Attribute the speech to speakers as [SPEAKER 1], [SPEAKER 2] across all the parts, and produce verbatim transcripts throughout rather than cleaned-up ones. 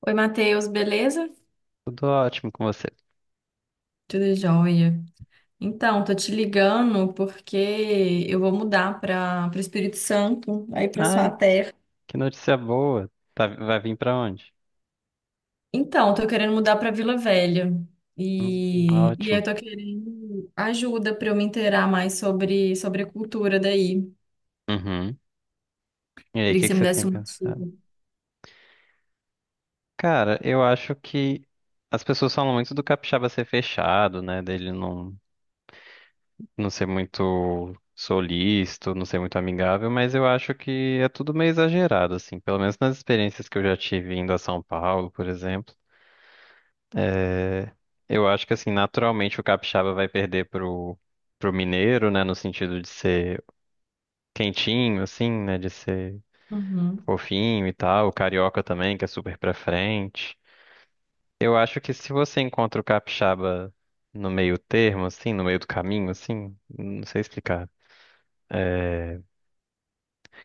[SPEAKER 1] Oi, Matheus, beleza?
[SPEAKER 2] Tudo ótimo com você.
[SPEAKER 1] Tudo jóia. Então, tô te ligando porque eu vou mudar para o Espírito Santo, aí para sua
[SPEAKER 2] Ai,
[SPEAKER 1] terra.
[SPEAKER 2] que notícia boa. Tá- vai vir pra onde?
[SPEAKER 1] Então, tô querendo mudar para Vila Velha.
[SPEAKER 2] Hum,
[SPEAKER 1] E, e
[SPEAKER 2] ótimo.
[SPEAKER 1] eu tô querendo ajuda para eu me inteirar mais sobre, sobre a cultura daí.
[SPEAKER 2] Uhum. E aí, o
[SPEAKER 1] Queria que
[SPEAKER 2] que que
[SPEAKER 1] você me
[SPEAKER 2] você tem
[SPEAKER 1] desse uma
[SPEAKER 2] pensado?
[SPEAKER 1] dica.
[SPEAKER 2] Cara, eu acho que as pessoas falam muito do capixaba ser fechado, né? Dele não, não ser muito solícito, não ser muito amigável, mas eu acho que é tudo meio exagerado, assim. Pelo menos nas experiências que eu já tive indo a São Paulo, por exemplo. Eu acho que, assim, naturalmente o capixaba vai perder pro, pro mineiro, né? No sentido de ser quentinho, assim, né? De ser
[SPEAKER 1] Uhum,
[SPEAKER 2] fofinho e tal. O carioca também, que é super pra frente. Eu acho que se você encontra o capixaba no meio termo, assim, no meio do caminho, assim, não sei explicar.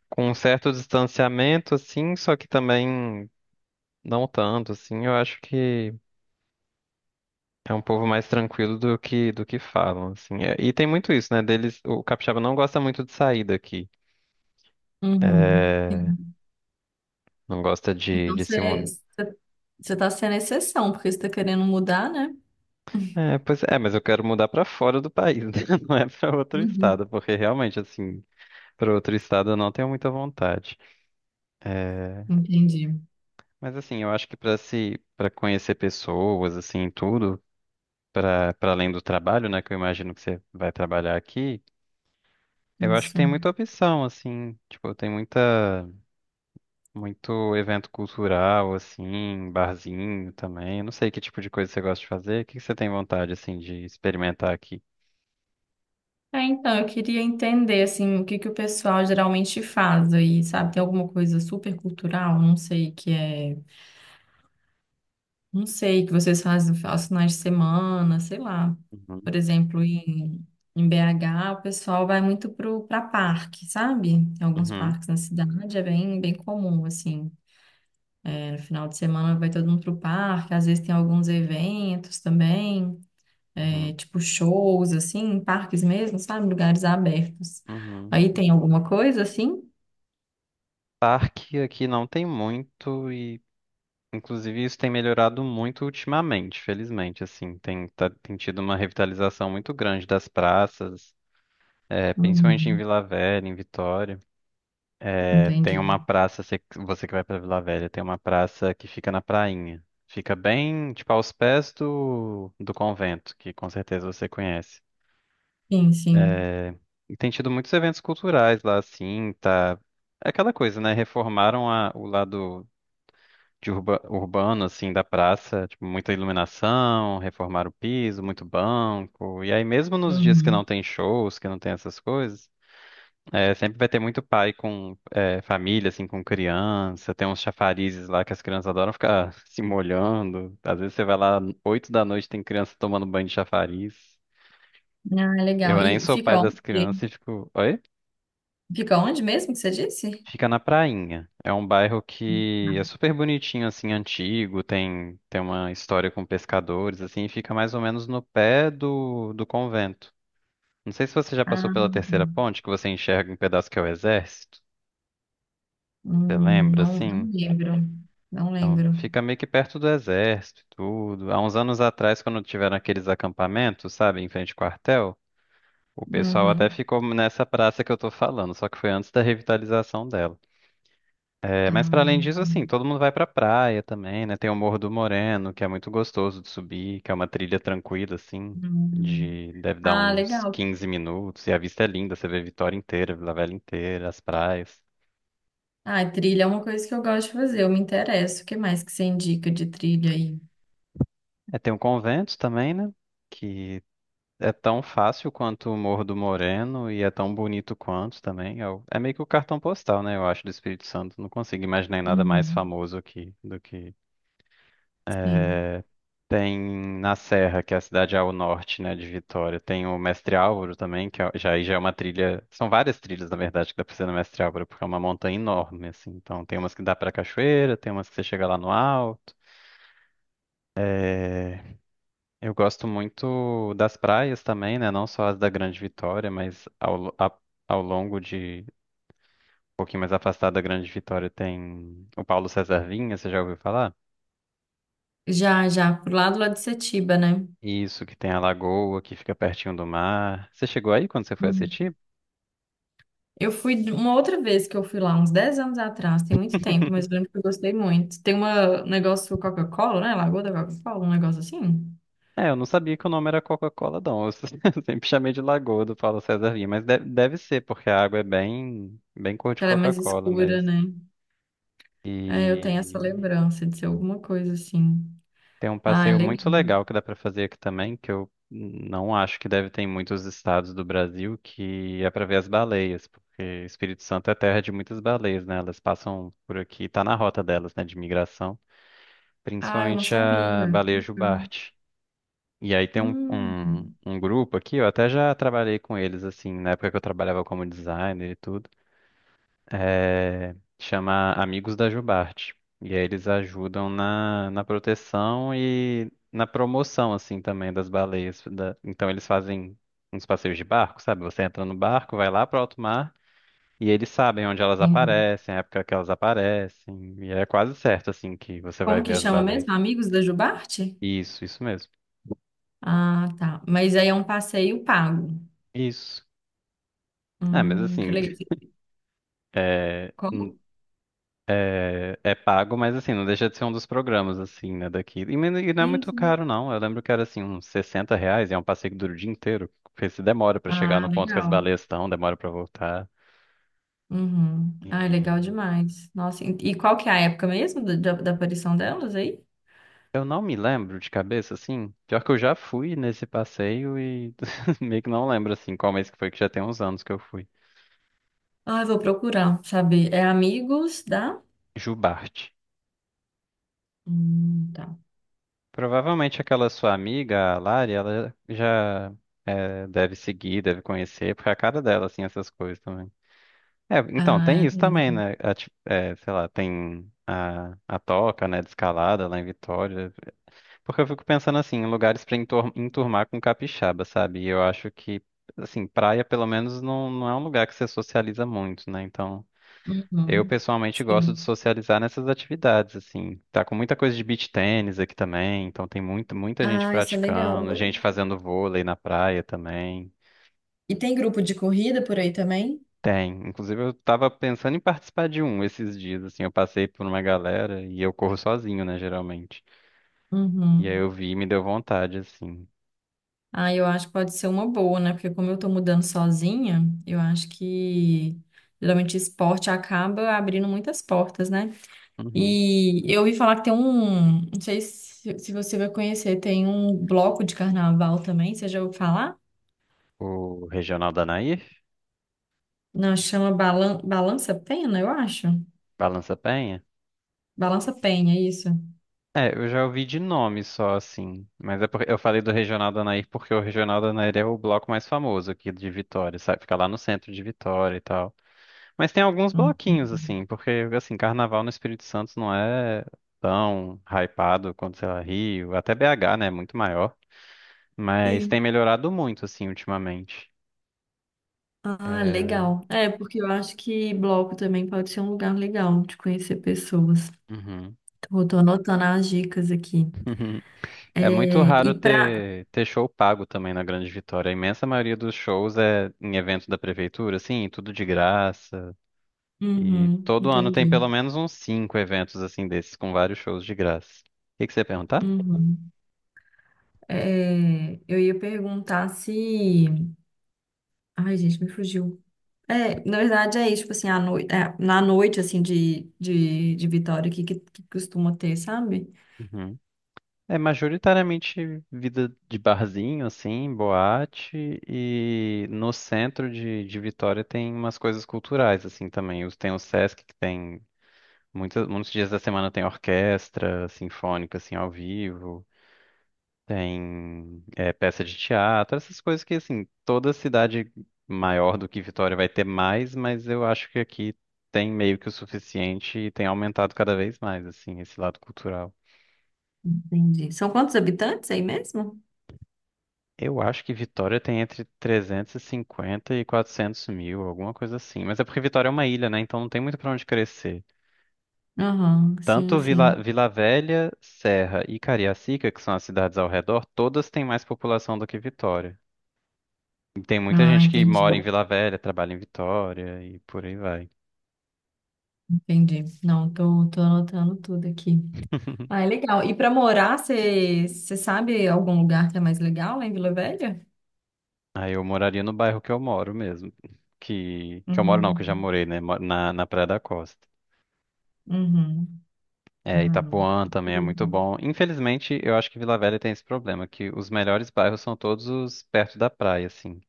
[SPEAKER 2] Com um certo distanciamento, assim, só que também não tanto, assim, eu acho que é um povo mais tranquilo do que do que falam, assim. É, E tem muito isso, né? Deles, o capixaba não gosta muito de sair daqui.
[SPEAKER 1] uhum.
[SPEAKER 2] É,
[SPEAKER 1] Sim.
[SPEAKER 2] não gosta de,
[SPEAKER 1] Então,
[SPEAKER 2] de
[SPEAKER 1] você
[SPEAKER 2] se, mu-
[SPEAKER 1] você- você tá sendo exceção, porque você tá querendo mudar, né?
[SPEAKER 2] É, pois é, mas eu quero mudar pra fora do país, né? Não é pra outro
[SPEAKER 1] Uhum.
[SPEAKER 2] estado, porque realmente, assim, pra outro estado eu não tenho muita vontade. É,
[SPEAKER 1] Entendi.
[SPEAKER 2] mas assim, eu acho que pra se, para conhecer pessoas, assim, tudo, pra para além do trabalho, né, que eu imagino que você vai trabalhar aqui, eu acho que
[SPEAKER 1] Isso.
[SPEAKER 2] tem muita opção, assim, tipo, tem muita muito evento cultural, assim, barzinho também. Eu não sei que tipo de coisa você gosta de fazer. O que que você tem vontade, assim, de experimentar aqui?
[SPEAKER 1] É, então, eu queria entender, assim, o que que o pessoal geralmente faz aí, sabe? Tem alguma coisa super cultural? Não sei, que é... Não sei, que vocês fazem aos finais de semana, sei lá.
[SPEAKER 2] Uhum,
[SPEAKER 1] Por exemplo, em, em B H, o pessoal vai muito pro, pra parque, sabe? Tem alguns
[SPEAKER 2] uhum,
[SPEAKER 1] parques na cidade, é bem, bem comum, assim. É, no final de semana vai todo mundo pro parque, às vezes tem alguns eventos também. É,
[SPEAKER 2] uhum,
[SPEAKER 1] tipo shows, assim, em parques mesmo, sabe? Lugares abertos.
[SPEAKER 2] uhum.
[SPEAKER 1] Aí tem alguma coisa assim?
[SPEAKER 2] Parque aqui não tem muito e, inclusive, isso tem melhorado muito ultimamente, felizmente, assim, tem, tá- tem tido uma revitalização muito grande das praças, é, principalmente em
[SPEAKER 1] Uhum,
[SPEAKER 2] Vila Velha, em Vitória. É, tem
[SPEAKER 1] entendi.
[SPEAKER 2] uma praça, você, você que vai pra Vila Velha, tem uma praça que fica na Prainha. Fica bem, tipo, aos pés do, do convento, que com certeza você conhece.
[SPEAKER 1] Sim, sim.
[SPEAKER 2] E tem tido muitos eventos culturais lá, assim, tá... É aquela coisa, né? Reformaram a- o lado de urba, urbano, assim, da praça, tipo, muita iluminação, reformar o piso, muito banco. E aí, mesmo nos dias que não
[SPEAKER 1] Uhum.
[SPEAKER 2] tem shows, que não tem essas coisas, é, sempre vai ter muito pai com é, família, assim, com criança. Tem uns chafarizes lá que as crianças adoram ficar se molhando. Às vezes você vai lá, oito da noite, tem criança tomando banho de chafariz.
[SPEAKER 1] Ah, legal.
[SPEAKER 2] Eu nem
[SPEAKER 1] E
[SPEAKER 2] sou pai
[SPEAKER 1] fica
[SPEAKER 2] das crianças
[SPEAKER 1] onde?
[SPEAKER 2] e fico. "Oi?"
[SPEAKER 1] Fica onde mesmo que você disse?
[SPEAKER 2] Fica na Prainha. É um bairro que é super bonitinho, assim, antigo, tem, tem uma história com pescadores, assim, e fica mais ou menos no pé do, do convento. Não sei se você já passou
[SPEAKER 1] Ah,
[SPEAKER 2] pela terceira ponte, que você enxerga um pedaço que é o exército. Você
[SPEAKER 1] hum,
[SPEAKER 2] lembra,
[SPEAKER 1] não,
[SPEAKER 2] assim?
[SPEAKER 1] não lembro. Não
[SPEAKER 2] Então,
[SPEAKER 1] lembro.
[SPEAKER 2] fica meio que perto do exército e tudo. Há uns anos atrás, quando tiveram aqueles acampamentos, sabe, em frente ao quartel, o pessoal até
[SPEAKER 1] Uhum.
[SPEAKER 2] ficou nessa praça que eu tô falando, só que foi antes da revitalização dela. É,
[SPEAKER 1] Ah,
[SPEAKER 2] mas para além disso, assim,
[SPEAKER 1] hum,
[SPEAKER 2] todo mundo vai pra praia também, né? Tem o Morro do Moreno, que é muito gostoso de subir, que é uma trilha tranquila, assim,
[SPEAKER 1] hum.
[SPEAKER 2] de deve dar
[SPEAKER 1] Ah,
[SPEAKER 2] uns
[SPEAKER 1] legal.
[SPEAKER 2] quinze minutos, e a vista é linda, você vê Vitória inteira, Vila Velha inteira, as praias.
[SPEAKER 1] Ah, trilha é uma coisa que eu gosto de fazer, eu me interesso. O que mais que você indica de trilha aí?
[SPEAKER 2] É, tem o convento também, né? Que é tão fácil quanto o Morro do Moreno e é tão bonito quanto também. É, o- é meio que o cartão postal, né? Eu acho, do Espírito Santo. Não consigo imaginar nada mais
[SPEAKER 1] Uhum.
[SPEAKER 2] famoso aqui do que.
[SPEAKER 1] Sim.
[SPEAKER 2] Tem na Serra, que é a cidade ao norte, né, de Vitória. Tem o Mestre Álvaro também, que é- já, aí já é uma trilha. São várias trilhas, na verdade, que dá pra ser no Mestre Álvaro, porque é uma montanha enorme, assim. Então tem umas que dá pra cachoeira, tem umas que você chega lá no alto. Eu gosto muito das praias também, né? Não só as da Grande Vitória, mas ao, lo- a- ao longo de. Um pouquinho mais afastado da Grande Vitória tem o Paulo César Vinha, você já ouviu falar?
[SPEAKER 1] Já, já, pro lado lá de Setiba, né?
[SPEAKER 2] Isso, que tem a lagoa que fica pertinho do mar. Você chegou aí quando você foi
[SPEAKER 1] Hum.
[SPEAKER 2] assistir?
[SPEAKER 1] Eu fui de- uma outra vez que eu fui lá, uns dez anos atrás, tem muito tempo, mas eu lembro que eu gostei muito. Tem uma, um negócio Coca-Cola, né? Lagoa da Coca-Cola, um negócio assim,
[SPEAKER 2] É, eu não sabia que o nome era Coca-Cola, não. Eu se- Eu sempre chamei de Lagoa do Paulo César Lima, mas deve, deve ser, porque a água é bem, bem cor de
[SPEAKER 1] que ela é mais
[SPEAKER 2] Coca-Cola
[SPEAKER 1] escura,
[SPEAKER 2] mesmo.
[SPEAKER 1] né? É, eu tenho essa
[SPEAKER 2] E
[SPEAKER 1] lembrança de ser alguma coisa assim.
[SPEAKER 2] tem um
[SPEAKER 1] Ah, é
[SPEAKER 2] passeio muito
[SPEAKER 1] legal.
[SPEAKER 2] legal que dá pra fazer aqui também, que eu não acho que deve ter em muitos estados do Brasil, que é pra ver as baleias, porque Espírito Santo é terra de muitas baleias, né? Elas passam por aqui, tá na rota delas, né, de migração,
[SPEAKER 1] Ah, eu não
[SPEAKER 2] principalmente a
[SPEAKER 1] sabia.
[SPEAKER 2] baleia
[SPEAKER 1] Legal.
[SPEAKER 2] jubarte. E aí tem um,
[SPEAKER 1] Hum,
[SPEAKER 2] um, um grupo aqui, eu até já trabalhei com eles, assim, na época que eu trabalhava como designer e tudo. É, chama Amigos da Jubarte. E aí eles ajudam na, na proteção e na promoção, assim, também das baleias. da- Então eles fazem uns passeios de barco, sabe? Você entra no barco, vai lá pro alto mar e eles sabem onde elas
[SPEAKER 1] entendi.
[SPEAKER 2] aparecem, a época que elas aparecem. E é quase certo, assim, que você
[SPEAKER 1] Como
[SPEAKER 2] vai ver
[SPEAKER 1] que
[SPEAKER 2] as
[SPEAKER 1] chama mesmo?
[SPEAKER 2] baleias.
[SPEAKER 1] Amigos da Jubarte?
[SPEAKER 2] Isso, isso mesmo.
[SPEAKER 1] Ah, tá. Mas aí é um passeio pago.
[SPEAKER 2] Isso. É, mas
[SPEAKER 1] Hum, que
[SPEAKER 2] assim,
[SPEAKER 1] legal. Como?
[SPEAKER 2] É é pago, mas assim, não deixa de ser um dos programas, assim, né, daqui. E men- e não é
[SPEAKER 1] Sim,
[SPEAKER 2] muito
[SPEAKER 1] sim.
[SPEAKER 2] caro, não. Eu lembro que era, assim, uns sessenta reais e é um passeio que dura o dia inteiro. Porque se demora pra chegar
[SPEAKER 1] Ah,
[SPEAKER 2] no ponto que as
[SPEAKER 1] legal.
[SPEAKER 2] baleias estão, demora pra voltar.
[SPEAKER 1] Uhum. Ah,
[SPEAKER 2] E
[SPEAKER 1] legal demais. Nossa, e e qual que é a época mesmo da, da da aparição delas aí?
[SPEAKER 2] eu não me lembro de cabeça, assim. Pior que eu já fui nesse passeio e meio que não lembro, assim, qual mês que foi, que já tem uns anos que eu fui.
[SPEAKER 1] Ah, eu vou procurar, saber. É Amigos da...
[SPEAKER 2] Jubarte.
[SPEAKER 1] Hum, tá.
[SPEAKER 2] Provavelmente aquela sua amiga, a Lari, ela já é, deve seguir, deve conhecer, porque é a cara dela, assim, essas coisas também. É, então,
[SPEAKER 1] Ah,
[SPEAKER 2] tem
[SPEAKER 1] é
[SPEAKER 2] isso também,
[SPEAKER 1] mesmo.
[SPEAKER 2] né? A ti- é, sei lá, tem a, a toca, né, de escalada lá em Vitória. Porque eu fico pensando assim, em lugares pra entor- enturmar com capixaba, sabe? E eu acho que, assim, praia pelo menos não, não é um lugar que você socializa muito, né? Então, eu
[SPEAKER 1] Uhum.
[SPEAKER 2] pessoalmente gosto de
[SPEAKER 1] Sim.
[SPEAKER 2] socializar nessas atividades, assim. Tá com muita coisa de beach tênis aqui também, então tem muito, muita gente
[SPEAKER 1] Ah, isso é legal.
[SPEAKER 2] praticando, gente fazendo vôlei na praia também.
[SPEAKER 1] E tem grupo de corrida por aí também?
[SPEAKER 2] Tem. Inclusive, eu tava pensando em participar de um esses dias, assim. Eu passei por uma galera e eu corro sozinho, né, geralmente. E aí
[SPEAKER 1] Uhum.
[SPEAKER 2] eu vi e me deu vontade, assim.
[SPEAKER 1] Ah, eu acho que pode ser uma boa, né? Porque como eu tô mudando sozinha, eu acho que geralmente esporte acaba abrindo muitas portas, né?
[SPEAKER 2] Uhum.
[SPEAKER 1] E eu ouvi falar que tem um, não sei se, se você vai conhecer, tem um bloco de carnaval também, você já ouviu falar?
[SPEAKER 2] O Regional da Nair?
[SPEAKER 1] Não, chama Balan- Balança Pena, eu acho.
[SPEAKER 2] Balança Penha?
[SPEAKER 1] Balança Penha, é isso.
[SPEAKER 2] É, eu já ouvi de nome só, assim. Mas é porque eu falei do Regional da Nair porque o Regional da Nair é o bloco mais famoso aqui de Vitória, sabe? Fica lá no centro de Vitória e tal. Mas tem alguns
[SPEAKER 1] Hum.
[SPEAKER 2] bloquinhos, assim, porque, assim, carnaval no Espírito Santo não é tão hypado quanto, sei lá, Rio, até B H, né, é muito maior, mas
[SPEAKER 1] Sim.
[SPEAKER 2] tem melhorado muito, assim, ultimamente.
[SPEAKER 1] Ah,
[SPEAKER 2] É...
[SPEAKER 1] legal. É, porque eu acho que bloco também pode ser um lugar legal de conhecer pessoas.
[SPEAKER 2] Uhum.
[SPEAKER 1] Tô, tô anotando as dicas aqui.
[SPEAKER 2] É
[SPEAKER 1] É,
[SPEAKER 2] muito
[SPEAKER 1] e
[SPEAKER 2] raro
[SPEAKER 1] pra.
[SPEAKER 2] ter, ter show pago também na Grande Vitória. A imensa maioria dos shows é em evento da prefeitura, assim, tudo de graça. E
[SPEAKER 1] Uhum,
[SPEAKER 2] todo ano tem
[SPEAKER 1] entendi.
[SPEAKER 2] pelo menos uns cinco eventos assim desses, com vários shows de graça. O que que você ia perguntar?
[SPEAKER 1] Uhum. É, eu ia perguntar se. Ai, gente, me fugiu. É, na verdade é isso, tipo assim, à noite, na noite, assim, de, de, de Vitória, que, que, que costuma ter, sabe?
[SPEAKER 2] Uhum. É majoritariamente vida de barzinho, assim, boate, e no centro de, de Vitória tem umas coisas culturais, assim, também. Os- Tem o Sesc, que tem Muitos, muitos dias da semana tem orquestra sinfônica, assim, ao vivo, tem é, peça de teatro, essas coisas que, assim, toda cidade maior do que Vitória vai ter mais, mas eu acho que aqui tem meio que o suficiente e tem aumentado cada vez mais, assim, esse lado cultural.
[SPEAKER 1] Entendi. São quantos habitantes é aí mesmo?
[SPEAKER 2] Eu acho que Vitória tem entre trezentos e cinquenta e 400 mil, alguma coisa assim. Mas é porque Vitória é uma ilha, né? Então não tem muito pra onde crescer.
[SPEAKER 1] Aham, sim,
[SPEAKER 2] Tanto Vila,
[SPEAKER 1] sim.
[SPEAKER 2] Vila Velha, Serra e Cariacica, que são as cidades ao redor, todas têm mais população do que Vitória. E tem muita
[SPEAKER 1] Ah,
[SPEAKER 2] gente que
[SPEAKER 1] entendi,
[SPEAKER 2] mora em Vila Velha, trabalha em Vitória e por aí vai.
[SPEAKER 1] entendi. Não, tô, tô anotando tudo aqui. Ah, é legal. E pra morar, você você sabe algum lugar que é mais legal lá em Vila Velha?
[SPEAKER 2] Aí eu moraria no bairro que eu moro mesmo. Que, que eu moro não, que eu já
[SPEAKER 1] Hum,
[SPEAKER 2] morei, né? Moro Na, na Praia da Costa.
[SPEAKER 1] uhum. Ah,
[SPEAKER 2] É,
[SPEAKER 1] não.
[SPEAKER 2] Itapuã também é muito bom. Infelizmente, eu acho que Vila Velha tem esse problema, que os melhores bairros são todos os perto da praia, assim.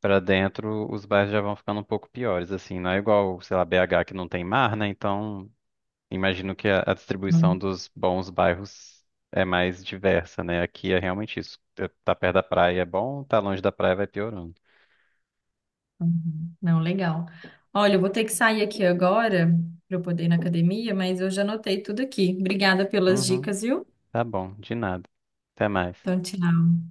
[SPEAKER 2] Pra dentro, os bairros já vão ficando um pouco piores, assim. Não é igual, sei lá, B H que não tem mar, né? Então, imagino que a, a distribuição
[SPEAKER 1] Uhum.
[SPEAKER 2] dos bons bairros é mais diversa, né? Aqui é realmente isso. Tá tá perto da praia é bom, tá longe da praia vai piorando.
[SPEAKER 1] Uhum. Não, legal. Olha, eu vou ter que sair aqui agora para eu poder ir na academia, mas eu já anotei tudo aqui. Obrigada pelas
[SPEAKER 2] Uhum,
[SPEAKER 1] dicas, viu?
[SPEAKER 2] tá bom, de nada. Até mais.
[SPEAKER 1] Então, tchau.